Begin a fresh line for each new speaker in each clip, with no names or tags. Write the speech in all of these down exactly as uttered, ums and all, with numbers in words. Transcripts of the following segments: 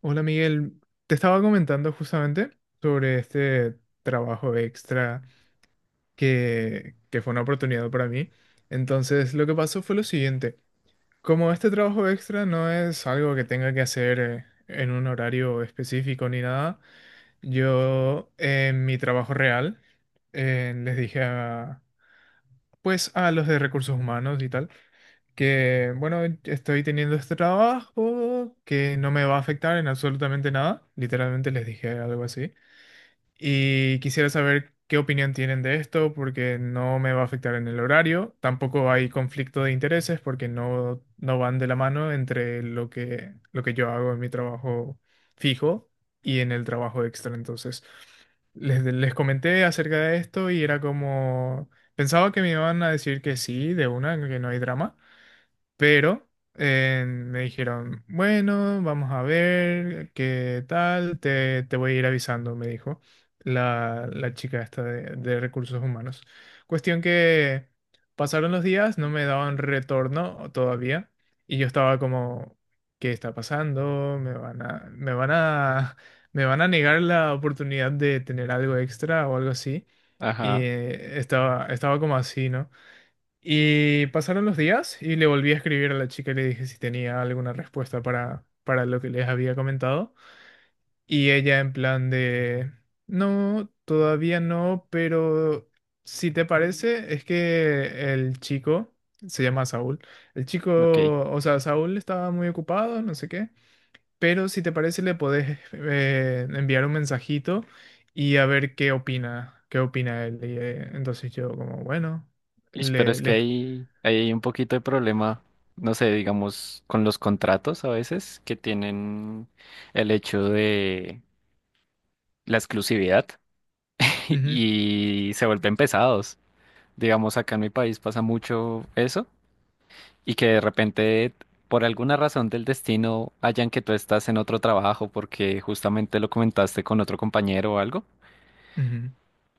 Hola Miguel, te estaba comentando justamente sobre este trabajo extra que, que fue una oportunidad para mí. Entonces, lo que pasó fue lo siguiente. Como este trabajo extra no es algo que tenga que hacer eh, en un horario específico ni nada, yo en mi trabajo real eh, les dije a, pues a los de recursos humanos y tal, que bueno, estoy teniendo este trabajo que no me va a afectar en absolutamente nada, literalmente les dije algo así. Y quisiera saber qué opinión tienen de esto, porque no me va a afectar en el horario. Tampoco hay conflicto de intereses, porque no, no van de la mano entre lo que, lo que yo hago en mi trabajo fijo y en el trabajo extra. Entonces, les, les comenté acerca de esto y era como, pensaba que me iban a decir que sí, de una, que no hay drama. Pero eh, me dijeron, bueno, vamos a ver qué tal, te, te voy a ir avisando, me dijo la, la chica esta de, de recursos humanos. Cuestión que pasaron los días, no me daban retorno todavía y yo estaba como, ¿qué está pasando? ¿Me van a, me van a, ¿me van a negar la oportunidad de tener algo extra o algo así? Y
Ajá,
eh, estaba, estaba como así, ¿no? Y pasaron los días y le volví a escribir a la chica y le dije si tenía alguna respuesta para, para lo que les había comentado. Y ella en plan de, no, todavía no, pero si te parece, es que el chico, se llama Saúl, el chico,
ok.
o sea, Saúl estaba muy ocupado, no sé qué, pero si te parece le podés eh, enviar un mensajito y a ver qué opina, qué opina él. Y, eh, entonces yo como, bueno,
Ish, pero
le...
es que
le
hay, hay un poquito de problema, no sé, digamos, con los contratos a veces que tienen el hecho de la exclusividad
Ujú.
y se vuelven pesados. Digamos, acá en mi país pasa mucho eso y que de repente, por alguna razón del destino, hayan que tú estás en otro trabajo porque justamente lo comentaste con otro compañero o algo
Ujú.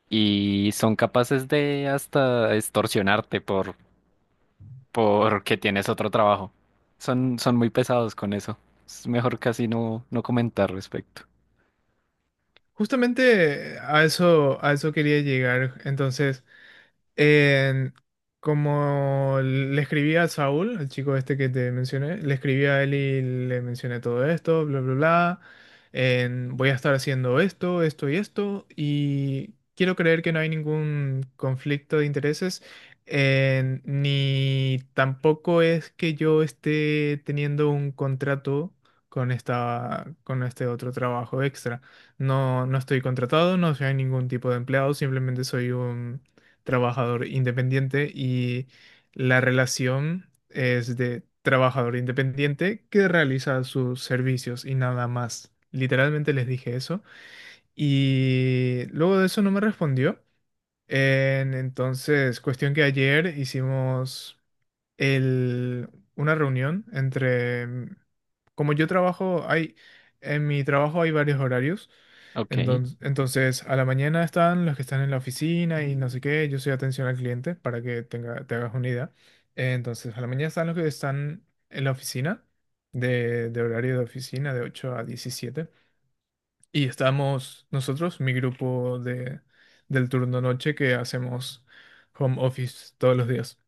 y son capaces de hasta extorsionarte por porque tienes otro trabajo. Son, son muy pesados con eso. Es mejor casi no, no comentar respecto.
Justamente a eso, a eso quería llegar. Entonces, Eh, como le escribí a Saúl, el chico este que te mencioné, le escribí a él y le mencioné todo esto, bla, bla, bla. En, voy a estar haciendo esto, esto y esto, y quiero creer que no hay ningún conflicto de intereses, en- ni tampoco es que yo esté teniendo un contrato con esta, con este otro trabajo extra. No, no estoy contratado, no soy ningún tipo de empleado, simplemente soy un trabajador independiente y la relación es de trabajador independiente que realiza sus servicios y nada más. Literalmente les dije eso y luego de eso no me respondió. En- entonces, cuestión que ayer hicimos el- una reunión entre, mm, como yo trabajo, hay, en mi trabajo hay varios horarios.
Ok,
Entonces, entonces, a la mañana están los que están en la oficina y no sé qué, yo soy atención al cliente para que tenga, te hagas una idea. Eh, Entonces, a la mañana están los que están en la oficina, de, de horario de oficina de ocho a diecisiete y estamos nosotros, mi grupo de, del turno noche, que hacemos home office todos los días.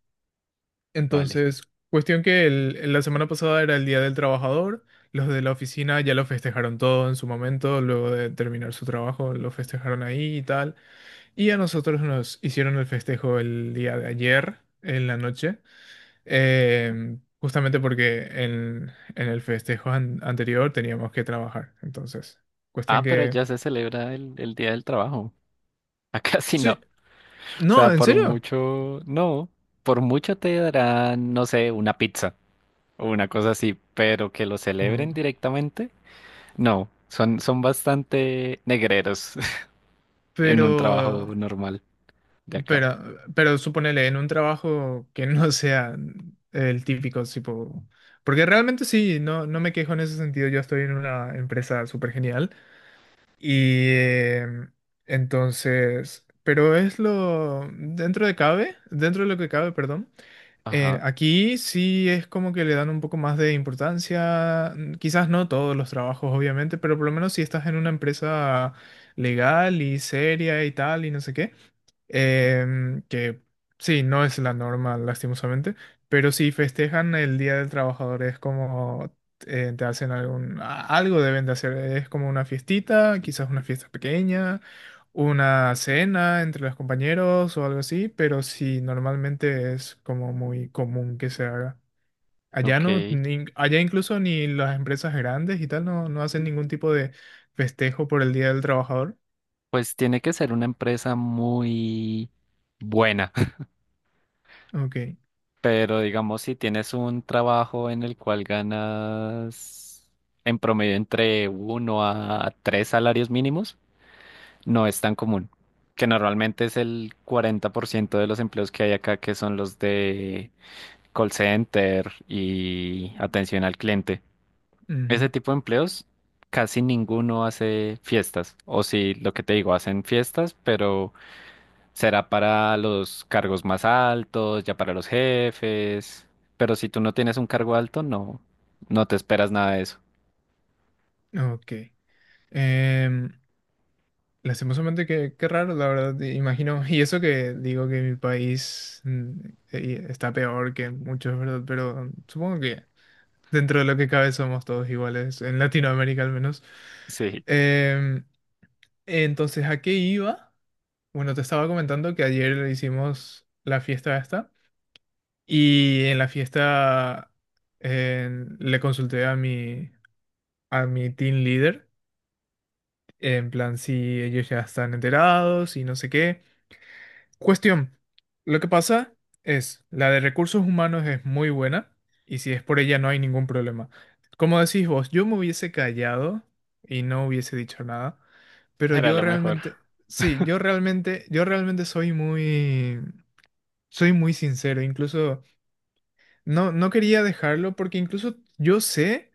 vale.
Entonces, cuestión que el- la semana pasada era el Día del Trabajador, los de la oficina ya lo festejaron todo en su momento, luego de terminar su trabajo lo festejaron ahí y tal. Y a nosotros nos hicieron el festejo el día de ayer, en la noche, em, justamente porque en, en el festejo an- anterior teníamos que trabajar. Entonces, cuestión
Ah, pero
que...
ya se celebra el, el Día del Trabajo. Acá sí no.
Sí,
O sea,
no, ¿en
por
serio?
mucho, no. Por mucho te darán, no sé, una pizza o una cosa así, pero que lo
Uh,
celebren directamente, no. Son, son bastante negreros en
Pero,
un trabajo normal de acá.
pero, pero suponele en un trabajo que no sea el típico, tipo, porque realmente sí, no, no me quejo en ese sentido. Yo estoy en una empresa súper genial y eh, entonces, pero es lo dentro de cabe, dentro de lo que cabe, perdón. Eh,
Ajá,
aquí sí es como que le dan un poco más de importancia, mm, quizás no todos los trabajos, obviamente, pero por lo menos si estás en una empresa legal y seria y tal y no sé qué. Em, que sí, no es la norma, lastimosamente, pero si festejan el Día del Trabajador, es como eh, te hacen algún, a- algo deben de hacer, es como una fiestita, quizás una fiesta pequeña, una cena entre los compañeros o algo así, pero sí, normalmente es como muy común que se haga. Allá no,
ok.
ni- allá incluso ni las empresas grandes y tal no, no hacen ningún tipo de festejo por el Día del Trabajador.
Pues tiene que ser una empresa muy buena,
Ok.
pero digamos si tienes un trabajo en el cual ganas en promedio entre uno a tres salarios mínimos, no es tan común, que normalmente es el cuarenta por ciento de los empleos que hay acá, que son los de call center y atención al cliente. Ese
Ujú.
tipo de empleos, casi ninguno hace fiestas, o si lo que te digo, hacen fiestas, pero será para los cargos más altos, ya para los jefes. Pero si tú no tienes un cargo alto, no, no te esperas nada de eso.
Ok. Em, Lastimosamente, qué, qué raro, la verdad, y- imagino. Y eso que digo que mi país mm, eh, está peor que muchos, ¿verdad? Pero supongo que dentro de lo que cabe somos todos iguales, en Latinoamérica al menos.
Sí,
Em, entonces, ¿a qué iba? Bueno, te estaba comentando que ayer le hicimos la fiesta esta y en la fiesta em, le consulté a mi, a mi team leader en plan si ellos ya están enterados y no sé qué. Cuestión. Lo que pasa es, la de recursos humanos es muy buena y si es por ella no hay ningún problema. Como decís vos, yo me hubiese callado y no hubiese dicho nada, pero
era
yo
lo mejor.
realmente, sí, yo realmente, yo realmente soy muy, soy muy sincero. Incluso no, no quería dejarlo porque incluso yo sé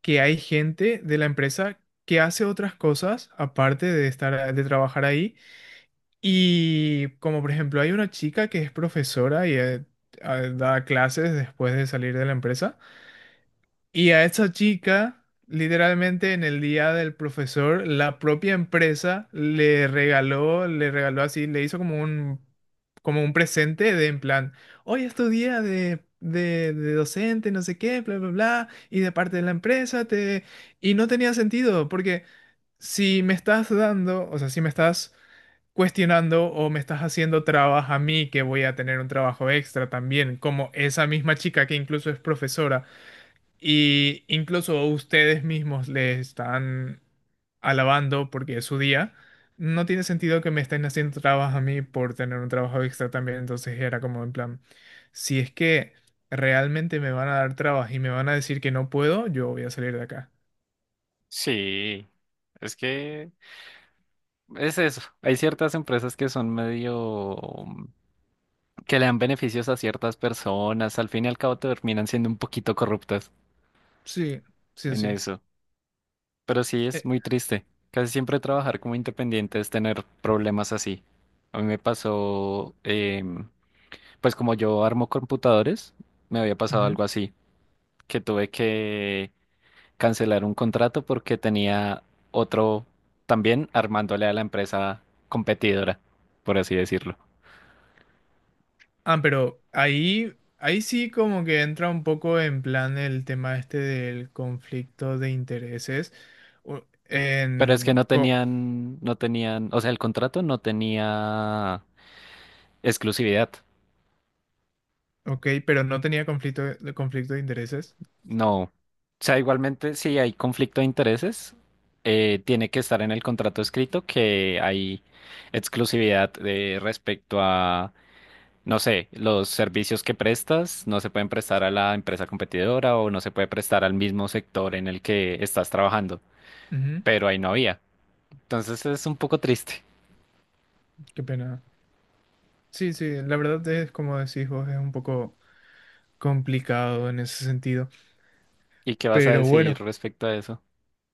que hay gente de la empresa que hace otras cosas aparte de estar, de trabajar ahí y como por ejemplo hay una chica que es profesora y eh, ah, da clases después de salir de la empresa. Y a esa chica, literalmente en el día del profesor, la propia empresa le regaló, le regaló así, le hizo como un, como un presente de en plan, hoy es tu día de, de, de docente, no sé qué, bla, bla, bla, y de parte de la empresa te... Y no tenía sentido, porque si me estás dando, o sea, si me estás cuestionando o me estás haciendo trabas a mí que voy a tener un trabajo extra también, como esa misma chica que incluso es profesora y incluso ustedes mismos le están alabando porque es su día. No tiene sentido que me estén haciendo trabas a mí por tener un trabajo extra también, entonces era como en plan, si es que realmente me van a dar trabas y me van a decir que no puedo, yo voy a salir de acá.
Sí, es que es eso. Hay ciertas empresas que son medio, mm, que le dan beneficios a ciertas personas. Al fin y al cabo terminan siendo un poquito corruptas
Sí, sí,
en
sí.
eso. Pero sí es
Eh,
muy triste. Casi siempre trabajar como independiente es tener problemas así. A mí me pasó, eh, pues como yo armo computadores, me había pasado
ujú.
algo así, que tuve que cancelar un contrato porque tenía otro también armándole a la empresa competidora, por así decirlo.
Ah, pero ahí, ahí sí como que entra un poco en plan el tema este del conflicto de intereses. U-
Pero es que
En,
no
co-
tenían, no tenían, o sea, el contrato no tenía exclusividad.
ok, pero no tenía conflicto, de- conflicto de intereses.
No. O sea, igualmente si hay conflicto de intereses, eh, tiene que estar en el contrato escrito que hay exclusividad, eh, respecto. No sé, los servicios que prestas no se pueden prestar a la empresa competidora o no se puede prestar al mismo sector en el que estás trabajando,
Ujú.
pero ahí no había. Entonces es un poco triste.
Qué pena. Sí, sí, la verdad es como decís vos, es un poco complicado en ese sentido.
¿Y qué vas a
Pero
decir
bueno,
respecto a eso?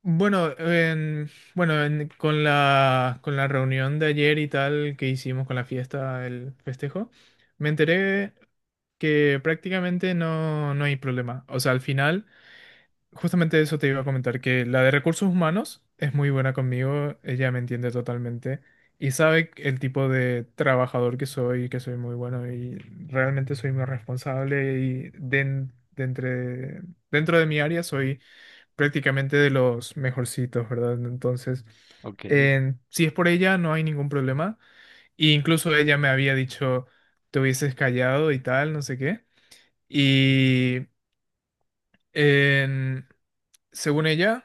bueno, en- bueno, en- con la, con la reunión de ayer y tal que hicimos con la fiesta, el festejo, me enteré que prácticamente no, no hay problema. O sea, al final, justamente eso te iba a comentar, que la de recursos humanos es muy buena conmigo, ella me entiende totalmente y sabe el tipo de trabajador que soy, que soy muy bueno y realmente soy muy responsable y den- de entre- dentro de mi área soy prácticamente de los mejorcitos, ¿verdad? Entonces,
Ok.
eh, si es por ella, no hay ningún problema. E incluso ella me había dicho, te hubieses callado y tal, no sé qué. Y en- según ella,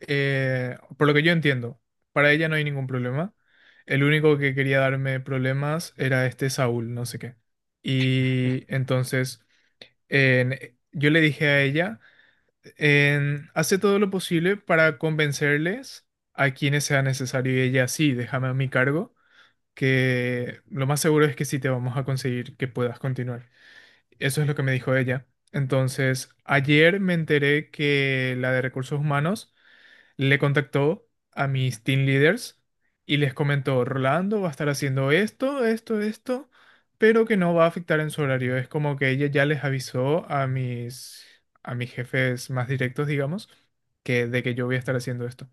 eh, por lo que yo entiendo, para ella no hay ningún problema. El único que quería darme problemas era este Saúl, no sé qué. Y entonces en- yo le dije a ella, en, hace todo lo posible para convencerles a quienes sea necesario. Y ella, sí, déjame a mi cargo, que lo más seguro es que sí te vamos a conseguir que puedas continuar. Eso es lo que me dijo ella. Entonces, ayer me enteré que la de recursos humanos le contactó a mis team leaders y les comentó, Rolando va a estar haciendo esto, esto, esto, pero que no va a afectar en su horario. Es como que ella ya les avisó a mis, a mis jefes más directos, digamos, que de que yo voy a estar haciendo esto.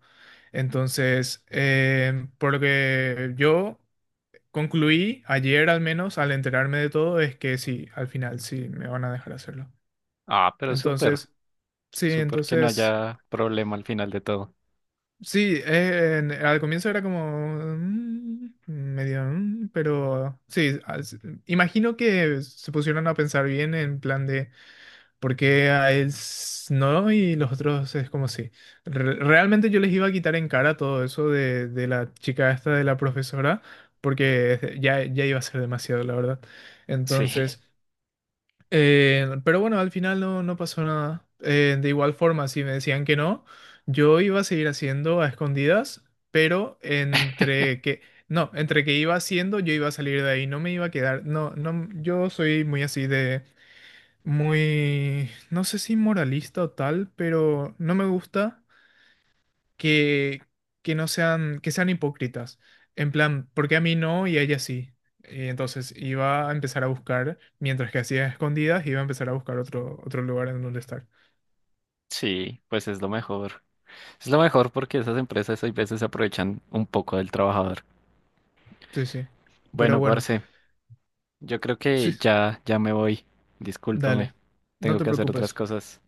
Entonces, eh, por lo que yo concluí ayer al menos al enterarme de todo es que sí, al final sí me van a dejar hacerlo.
Ah, pero súper,
Entonces, sí,
súper que no
entonces,
haya problema al final de todo.
sí, eh, en- al comienzo era como mm, medio, mm, pero sí, al- imagino que se pusieron a pensar bien en plan de por qué a él s- no y los otros es como sí. Re- realmente yo les iba a quitar en cara todo eso de, de la chica esta de la profesora porque ya, ya iba a ser demasiado, la verdad.
Sí,
Entonces... Eh, pero bueno, al final no, no pasó nada. Eh, de igual forma, si me decían que no, yo iba a seguir haciendo a escondidas, pero entre que, no, entre que iba haciendo, yo iba a salir de ahí, no me iba a quedar, no, no, yo soy muy así de, muy, no sé si moralista o tal, pero no me gusta que, que no sean, que sean hipócritas. En plan, ¿por qué a mí no y a ella sí? Y entonces iba a empezar a buscar, mientras que hacía escondidas, iba a empezar a buscar otro, otro lugar en donde estar.
sí, pues es lo mejor. Es lo mejor porque esas empresas a veces se aprovechan un poco del trabajador.
Sí, sí. Pero
Bueno,
bueno,
parce, yo creo
sí,
que ya, ya me voy.
dale.
Discúlpame,
No
tengo
te
que hacer otras
preocupes.
cosas.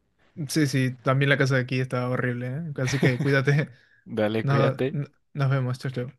Sí, sí, también la casa de aquí está horrible, ¿eh? Así que cuídate.
Dale,
No,
cuídate.
no- nos vemos, chao, chao.